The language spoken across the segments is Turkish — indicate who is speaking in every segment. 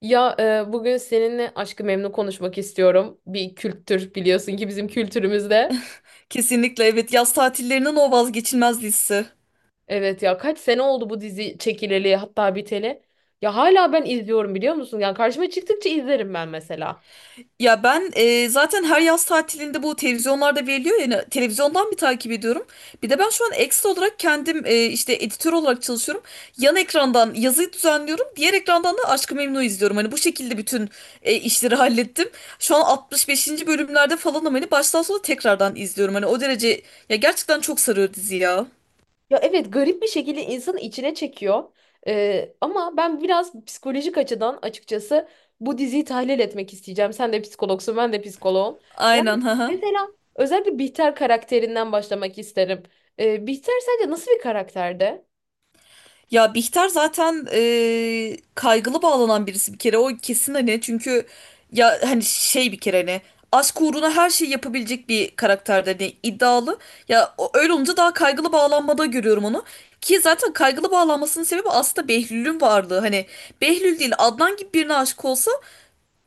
Speaker 1: Ya bugün seninle Aşk-ı Memnu konuşmak istiyorum. Bir kültür biliyorsun ki bizim kültürümüzde.
Speaker 2: Kesinlikle evet yaz tatillerinin o vazgeçilmez listesi.
Speaker 1: Evet ya kaç sene oldu bu dizi çekileli hatta biteli. Ya hala ben izliyorum biliyor musun? Yani karşıma çıktıkça izlerim ben mesela.
Speaker 2: Ya ben zaten her yaz tatilinde bu televizyonlarda veriliyor, yani televizyondan bir takip ediyorum. Bir de ben şu an ekstra olarak kendim işte editör olarak çalışıyorum. Yan ekrandan yazıyı düzenliyorum. Diğer ekrandan da Aşk-ı Memnu izliyorum. Hani bu şekilde bütün işleri hallettim. Şu an 65. bölümlerde falan, ama hani baştan sona tekrardan izliyorum. Hani o derece, ya gerçekten çok sarıyor dizi ya.
Speaker 1: Ya evet, garip bir şekilde insanı içine çekiyor. Ama ben biraz psikolojik açıdan açıkçası bu diziyi tahlil etmek isteyeceğim. Sen de psikologsun, ben de psikoloğum. Yani
Speaker 2: Aynen ha.
Speaker 1: mesela özellikle Bihter karakterinden başlamak isterim. Bihter sence nasıl bir karakterdi?
Speaker 2: Ya Bihter zaten kaygılı bağlanan birisi, bir kere o kesin hani, çünkü ya hani şey, bir kere hani aşk uğruna her şeyi yapabilecek bir karakter, hani iddialı. Öyle olunca daha kaygılı bağlanmada görüyorum onu. Ki zaten kaygılı bağlanmasının sebebi aslında Behlül'ün varlığı. Hani Behlül değil, Adnan gibi birine aşık olsa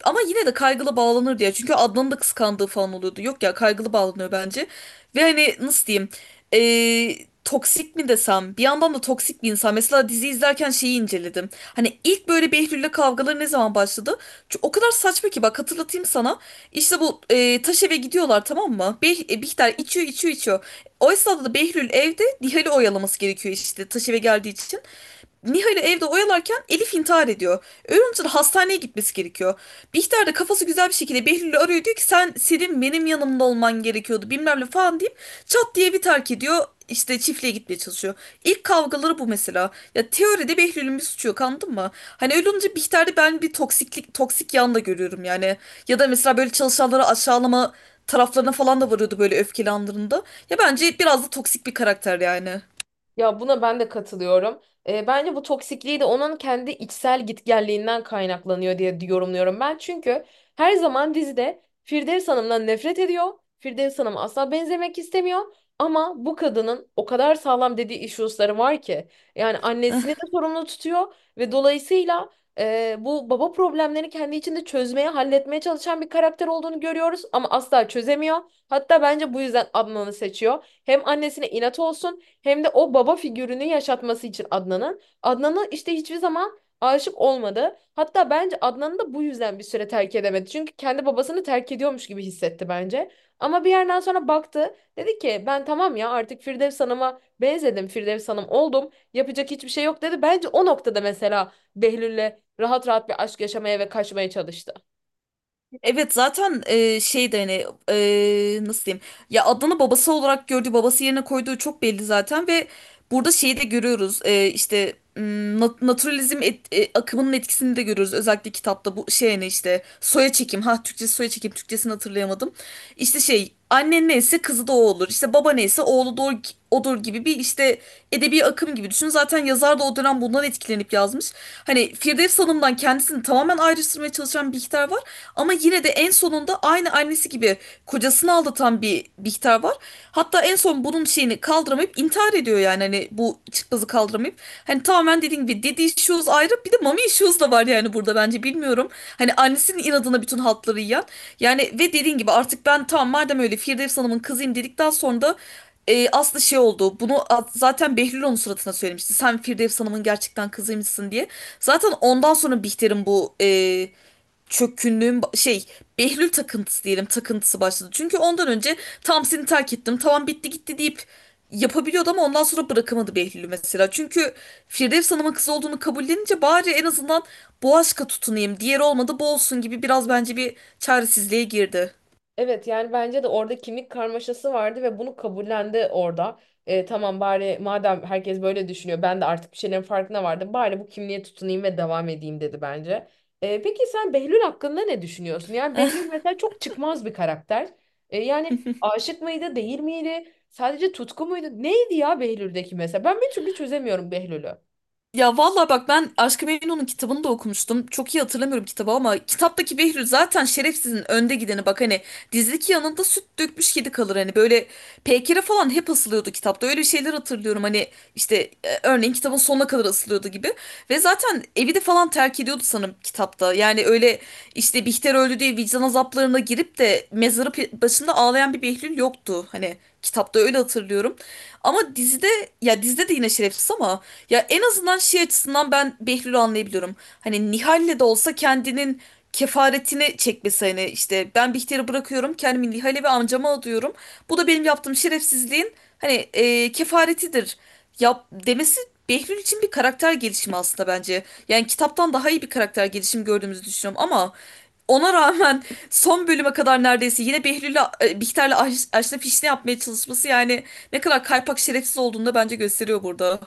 Speaker 2: ama yine de kaygılı bağlanır diye. Çünkü Adnan'ın da kıskandığı falan oluyordu. Yok ya, kaygılı bağlanıyor bence. Ve hani nasıl diyeyim? Ee, Toksik mi desem? Bir yandan da toksik bir insan. Mesela dizi izlerken şeyi inceledim. Hani ilk böyle Behlül'le kavgaları ne zaman başladı? Çünkü o kadar saçma ki, bak hatırlatayım sana. İşte bu taş eve gidiyorlar, tamam mı? Bihter içiyor, içiyor, içiyor. O esnada da Behlül evde Nihal'i oyalaması gerekiyor, işte taş eve geldiği için. Nihal'i evde oyalarken Elif intihar ediyor. Onun hastaneye gitmesi gerekiyor. Bihter de kafası güzel bir şekilde Behlül'ü arıyor, diyor ki sen benim yanımda olman gerekiyordu, bilmem ne falan deyip çat diye bir terk ediyor. İşte çiftliğe gitmeye çalışıyor. İlk kavgaları bu mesela. Ya teoride Behlül'ün bir suçu yok, anladın mı? Hani öyle olunca Bihter'de ben bir toksiklik, toksik yan da görüyorum yani. Ya da mesela böyle çalışanları aşağılama taraflarına falan da varıyordu böyle öfkeli anlarında. Ya bence biraz da toksik bir karakter yani.
Speaker 1: Ya buna ben de katılıyorum. Bence bu toksikliği de onun kendi içsel gitgelliğinden kaynaklanıyor diye yorumluyorum ben. Çünkü her zaman dizide Firdevs Hanım'dan nefret ediyor. Firdevs Hanım'a asla benzemek istemiyor. Ama bu kadının o kadar sağlam dediği issues'ları var ki. Yani annesini de sorumlu tutuyor ve dolayısıyla bu baba problemlerini kendi içinde çözmeye, halletmeye çalışan bir karakter olduğunu görüyoruz ama asla çözemiyor. Hatta bence bu yüzden Adnan'ı seçiyor. Hem annesine inat olsun hem de o baba figürünü yaşatması için Adnan'ın. Adnan'ı işte hiçbir zaman aşık olmadı. Hatta bence Adnan'ı da bu yüzden bir süre terk edemedi. Çünkü kendi babasını terk ediyormuş gibi hissetti bence. Ama bir yerden sonra baktı. Dedi ki ben tamam ya artık Firdevs Hanım'a benzedim. Firdevs Hanım oldum. Yapacak hiçbir şey yok dedi. Bence o noktada mesela Behlül'le rahat rahat bir aşk yaşamaya ve kaçmaya çalıştı.
Speaker 2: Evet, zaten şey de hani, nasıl diyeyim, ya Adnan'ı babası olarak gördüğü, babası yerine koyduğu çok belli zaten. Ve burada şeyi de görüyoruz, işte naturalizm akımının etkisini de görüyoruz özellikle kitapta. Bu şey hani, işte soya çekim, ha Türkçesi soya çekim, Türkçesini hatırlayamadım. İşte şey, annen neyse kızı da o olur, işte baba neyse oğlu da odur gibi bir işte edebi akım gibi düşün. Zaten yazar da o dönem bundan etkilenip yazmış. Hani Firdevs Hanım'dan kendisini tamamen ayrıştırmaya çalışan bir Bihter var, ama yine de en sonunda aynı annesi gibi kocasını aldatan bir Bihter var. Hatta en son bunun şeyini kaldıramayıp intihar ediyor, yani hani bu çıkmazı kaldıramayıp. Hani tamamen dediğim gibi daddy issues ayrı, bir de mommy issues da var yani burada bence, bilmiyorum. Hani annesinin inadına bütün haltları yiyen. Yani ve dediğin gibi artık ben tamam, madem öyle Firdevs Hanım'ın kızıyım dedikten sonra da aslı şey oldu. Zaten Behlül onun suratına söylemişti. Sen Firdevs Hanım'ın gerçekten kızıymışsın diye. Zaten ondan sonra Bihter'in bu çökkünlüğün ba- şey Behlül takıntısı, diyelim takıntısı başladı. Çünkü ondan önce tam seni terk ettim, tamam bitti gitti deyip yapabiliyordu, ama ondan sonra bırakamadı Behlül'ü mesela. Çünkü Firdevs Hanım'ın kızı olduğunu kabullenince bari en azından bu aşka tutunayım, diğeri olmadı bu olsun gibi, biraz bence bir çaresizliğe girdi.
Speaker 1: Evet, yani bence de orada kimlik karmaşası vardı ve bunu kabullendi orada. Tamam bari madem herkes böyle düşünüyor, ben de artık bir şeylerin farkına vardım. Bari bu kimliğe tutunayım ve devam edeyim dedi bence. Peki sen Behlül hakkında ne düşünüyorsun? Yani Behlül mesela çok çıkmaz bir karakter. Yani aşık mıydı, değil miydi? Sadece tutku muydu? Neydi ya Behlül'deki mesela? Ben bir türlü çözemiyorum Behlül'ü.
Speaker 2: Ya vallahi bak, ben Aşk-ı Memnu'nun kitabını da okumuştum. Çok iyi hatırlamıyorum kitabı, ama kitaptaki Behlül zaten şerefsizin önde gideni. Bak hani, dizdeki yanında süt dökmüş kedi kalır. Hani böyle Peykire falan hep asılıyordu kitapta. Öyle şeyler hatırlıyorum. Hani işte, örneğin kitabın sonuna kadar asılıyordu gibi. Ve zaten evi de falan terk ediyordu sanırım kitapta. Yani öyle işte, Bihter öldü diye vicdan azaplarına girip de başında ağlayan bir Behlül yoktu. Hani kitapta öyle hatırlıyorum. Ama dizide, ya dizide de yine şerefsiz, ama ya en azından şey açısından ben Behlül'ü anlayabiliyorum. Hani Nihal'le de olsa kendinin kefaretini çekmesi, hani işte ben Bihter'i bırakıyorum, kendimi Nihal'e ve amcama adıyorum. Bu da benim yaptığım şerefsizliğin hani kefaretidir. Yap demesi Behlül için bir karakter gelişimi aslında bence. Yani kitaptan daha iyi bir karakter gelişimi gördüğümüzü düşünüyorum, ama ona rağmen son bölüme kadar neredeyse yine Behlül'le Bihter'le aşna fişne yapmaya çalışması, yani ne kadar kaypak şerefsiz olduğunu da bence gösteriyor burada.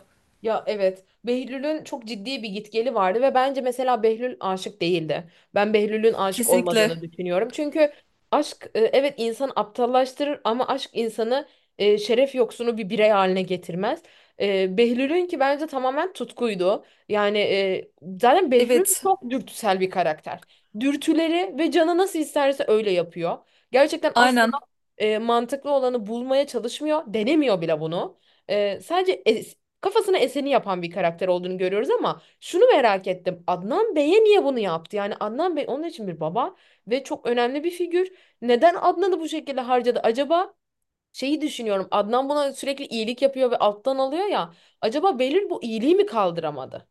Speaker 1: Ya evet. Behlül'ün çok ciddi bir gitgeli vardı ve bence mesela Behlül aşık değildi. Ben Behlül'ün aşık
Speaker 2: Kesinlikle.
Speaker 1: olmadığını düşünüyorum. Çünkü aşk, evet, insan aptallaştırır ama aşk insanı şeref yoksunu bir birey haline getirmez. Behlül'ün ki bence tamamen tutkuydu. Yani, zaten Behlül
Speaker 2: Evet.
Speaker 1: çok dürtüsel bir karakter. Dürtüleri ve canı nasıl isterse öyle yapıyor. Gerçekten asla
Speaker 2: Aynen.
Speaker 1: mantıklı olanı bulmaya çalışmıyor. Denemiyor bile bunu. Sadece kafasına eseni yapan bir karakter olduğunu görüyoruz ama şunu merak ettim. Adnan Bey'e niye bunu yaptı? Yani Adnan Bey onun için bir baba ve çok önemli bir figür. Neden Adnan'ı bu şekilde harcadı acaba? Şeyi düşünüyorum. Adnan buna sürekli iyilik yapıyor ve alttan alıyor ya. Acaba Behlül bu iyiliği mi kaldıramadı?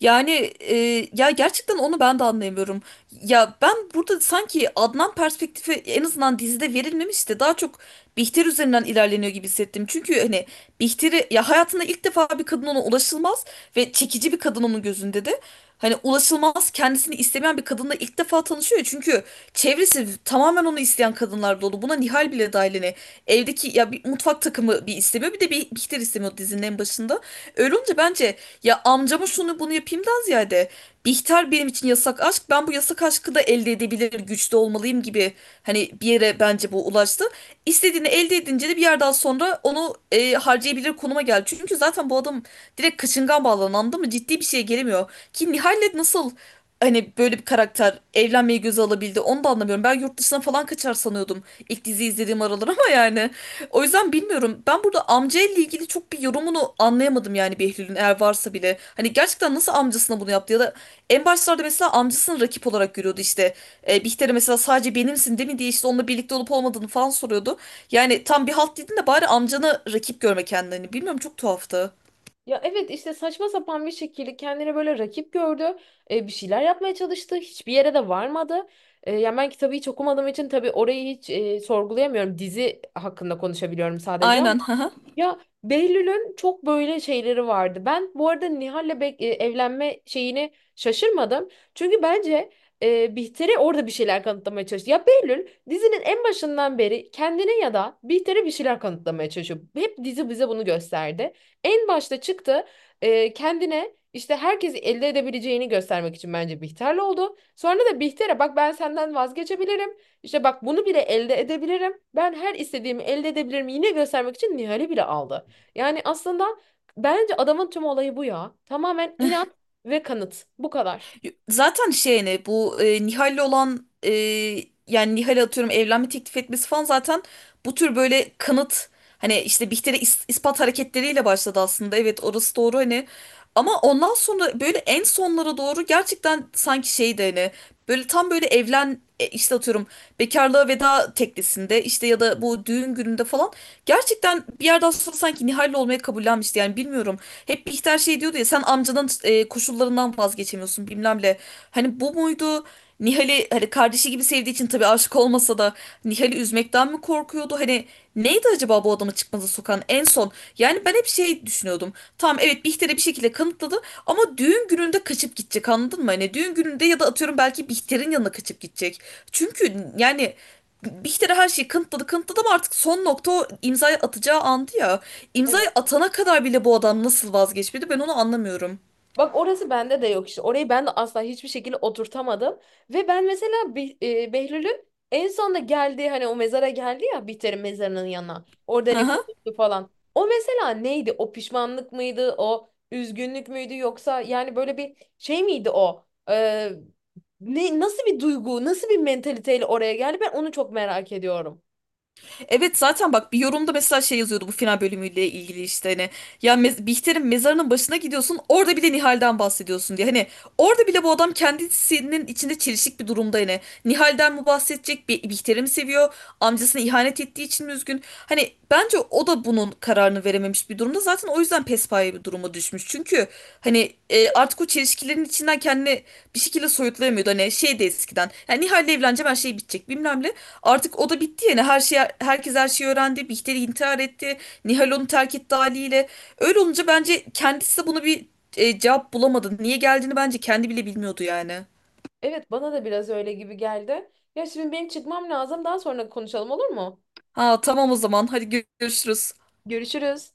Speaker 2: Yani, e, ya gerçekten onu ben de anlayamıyorum. Ya ben burada sanki Adnan perspektifi en azından dizide verilmemiş de daha çok Bihter üzerinden ilerleniyor gibi hissettim. Çünkü hani Bihter'i, ya hayatında ilk defa bir kadın ona ulaşılmaz ve çekici bir kadın onun gözünde de. Hani ulaşılmaz, kendisini istemeyen bir kadınla ilk defa tanışıyor. Çünkü çevresi tamamen onu isteyen kadınlar dolu. Buna Nihal bile dahil, hani. Evdeki ya, bir mutfak takımı bir istemiyor, bir de bir Bihter istemiyor dizinin en başında. Öyle olunca bence, ya amcama şunu bunu yapayımdan ziyade, Bihter benim için yasak aşk, ben bu yasak aşkı da elde edebilir güçte olmalıyım gibi, hani bir yere bence bu ulaştı. İstediğini elde edince de bir yerden sonra onu harcayabilir konuma geldi. Çünkü zaten bu adam direkt kaçıngan bağlanan, anladın mı, ciddi bir şeye gelemiyor. Ki Nihal'le nasıl, hani böyle bir karakter evlenmeyi göze alabildi, onu da anlamıyorum. Ben yurt dışına falan kaçar sanıyordum ilk dizi izlediğim aralar, ama yani. O yüzden bilmiyorum. Ben burada amca ile ilgili çok bir yorumunu anlayamadım yani Behlül'ün, eğer varsa bile. Hani gerçekten nasıl amcasına bunu yaptı, ya da en başlarda mesela amcasını rakip olarak görüyordu işte. Bihter'e mesela sadece benimsin değil mi diye, işte onunla birlikte olup olmadığını falan soruyordu. Yani tam bir halt dedin de, bari amcanı rakip görme kendini. Bilmiyorum, çok tuhaftı.
Speaker 1: Ya evet, işte saçma sapan bir şekilde kendini böyle rakip gördü. Bir şeyler yapmaya çalıştı. Hiçbir yere de varmadı. Yani ben kitabı hiç okumadığım için tabii orayı hiç sorgulayamıyorum. Dizi hakkında konuşabiliyorum sadece.
Speaker 2: Aynen.
Speaker 1: Ya Behlül'ün çok böyle şeyleri vardı. Ben bu arada Nihal'le evlenme şeyini şaşırmadım. Çünkü bence Bihter'e orada bir şeyler kanıtlamaya çalıştı. Ya Behlül dizinin en başından beri kendine ya da Bihter'e bir şeyler kanıtlamaya çalışıyor. Hep dizi bize bunu gösterdi. En başta çıktı, kendine işte herkesi elde edebileceğini göstermek için bence Bihter'le oldu. Sonra da Bihter'e bak, ben senden vazgeçebilirim. İşte bak, bunu bile elde edebilirim. Ben her istediğimi elde edebilirim. Yine göstermek için Nihal'i bile aldı. Yani aslında bence adamın tüm olayı bu ya. Tamamen inat ve kanıt. Bu kadar.
Speaker 2: Zaten şey ne, bu Nihal'le olan, yani Nihal'e atıyorum evlenme teklif etmesi falan zaten bu tür böyle kanıt, hani işte Bihter'e ispat hareketleriyle başladı aslında. Evet, orası doğru hani, ama ondan sonra böyle en sonlara doğru gerçekten sanki şeydi hani, böyle tam böyle işte atıyorum bekarlığa veda teklisinde işte, ya da bu düğün gününde falan, gerçekten bir yerden sonra sanki Nihal'le olmaya kabullenmişti yani, bilmiyorum. Hep Bihter şey diyordu ya, sen amcanın koşullarından vazgeçemiyorsun bilmem ne. Hani bu muydu? Nihal'i hani kardeşi gibi sevdiği için, tabii aşık olmasa da Nihal'i üzmekten mi korkuyordu? Hani neydi acaba bu adamı çıkmaza sokan en son? Yani ben hep şey düşünüyordum. Tamam evet, Bihter'e bir şekilde kanıtladı, ama düğün gününde kaçıp gidecek, anladın mı? Hani düğün gününde ya da atıyorum belki Bihter'in yanına kaçıp gidecek. Çünkü yani Bihter'e her şeyi kanıtladı, ama artık son nokta o imzayı atacağı andı ya. İmzayı
Speaker 1: Evet.
Speaker 2: atana kadar bile bu adam nasıl vazgeçmedi, ben onu anlamıyorum.
Speaker 1: Bak, orası bende de yok işte. Orayı ben de asla hiçbir şekilde oturtamadım. Ve ben mesela Behlül'ün en sonunda geldiği hani o mezara geldi ya, Bihter'in mezarının yanına. Orada
Speaker 2: Hı
Speaker 1: hani
Speaker 2: hı.
Speaker 1: konuştu falan. O mesela neydi? O pişmanlık mıydı? O üzgünlük müydü? Yoksa yani böyle bir şey miydi o? Ne, nasıl bir duygu, nasıl bir mentaliteyle oraya geldi? Ben onu çok merak ediyorum.
Speaker 2: Evet zaten bak, bir yorumda mesela şey yazıyordu bu final bölümüyle ilgili, işte hani ya Bihter'in mezarının başına gidiyorsun, orada bile Nihal'den bahsediyorsun diye. Hani orada bile bu adam kendisinin içinde çelişik bir durumda, hani Nihal'den mi bahsedecek bir, Bihter'i mi seviyor, amcasına ihanet ettiği için mi üzgün, hani bence o da bunun kararını verememiş bir durumda. Zaten o yüzden pespaye bir duruma düşmüş çünkü hani, artık o çelişkilerin içinden kendini bir şekilde soyutlayamıyordu. Hani şey de eskiden, yani Nihal'le evleneceğim, her şey bitecek bilmem ne. Artık o da bitti yani, her şey, herkes her şeyi öğrendi. Bihter intihar etti. Nihal onu terk etti haliyle. Öyle olunca bence kendisi de bunu bir cevap bulamadı. Niye geldiğini bence kendi bile bilmiyordu yani.
Speaker 1: Evet, bana da biraz öyle gibi geldi. Ya şimdi benim çıkmam lazım. Daha sonra konuşalım, olur mu?
Speaker 2: Ha tamam, o zaman hadi görüşürüz.
Speaker 1: Görüşürüz.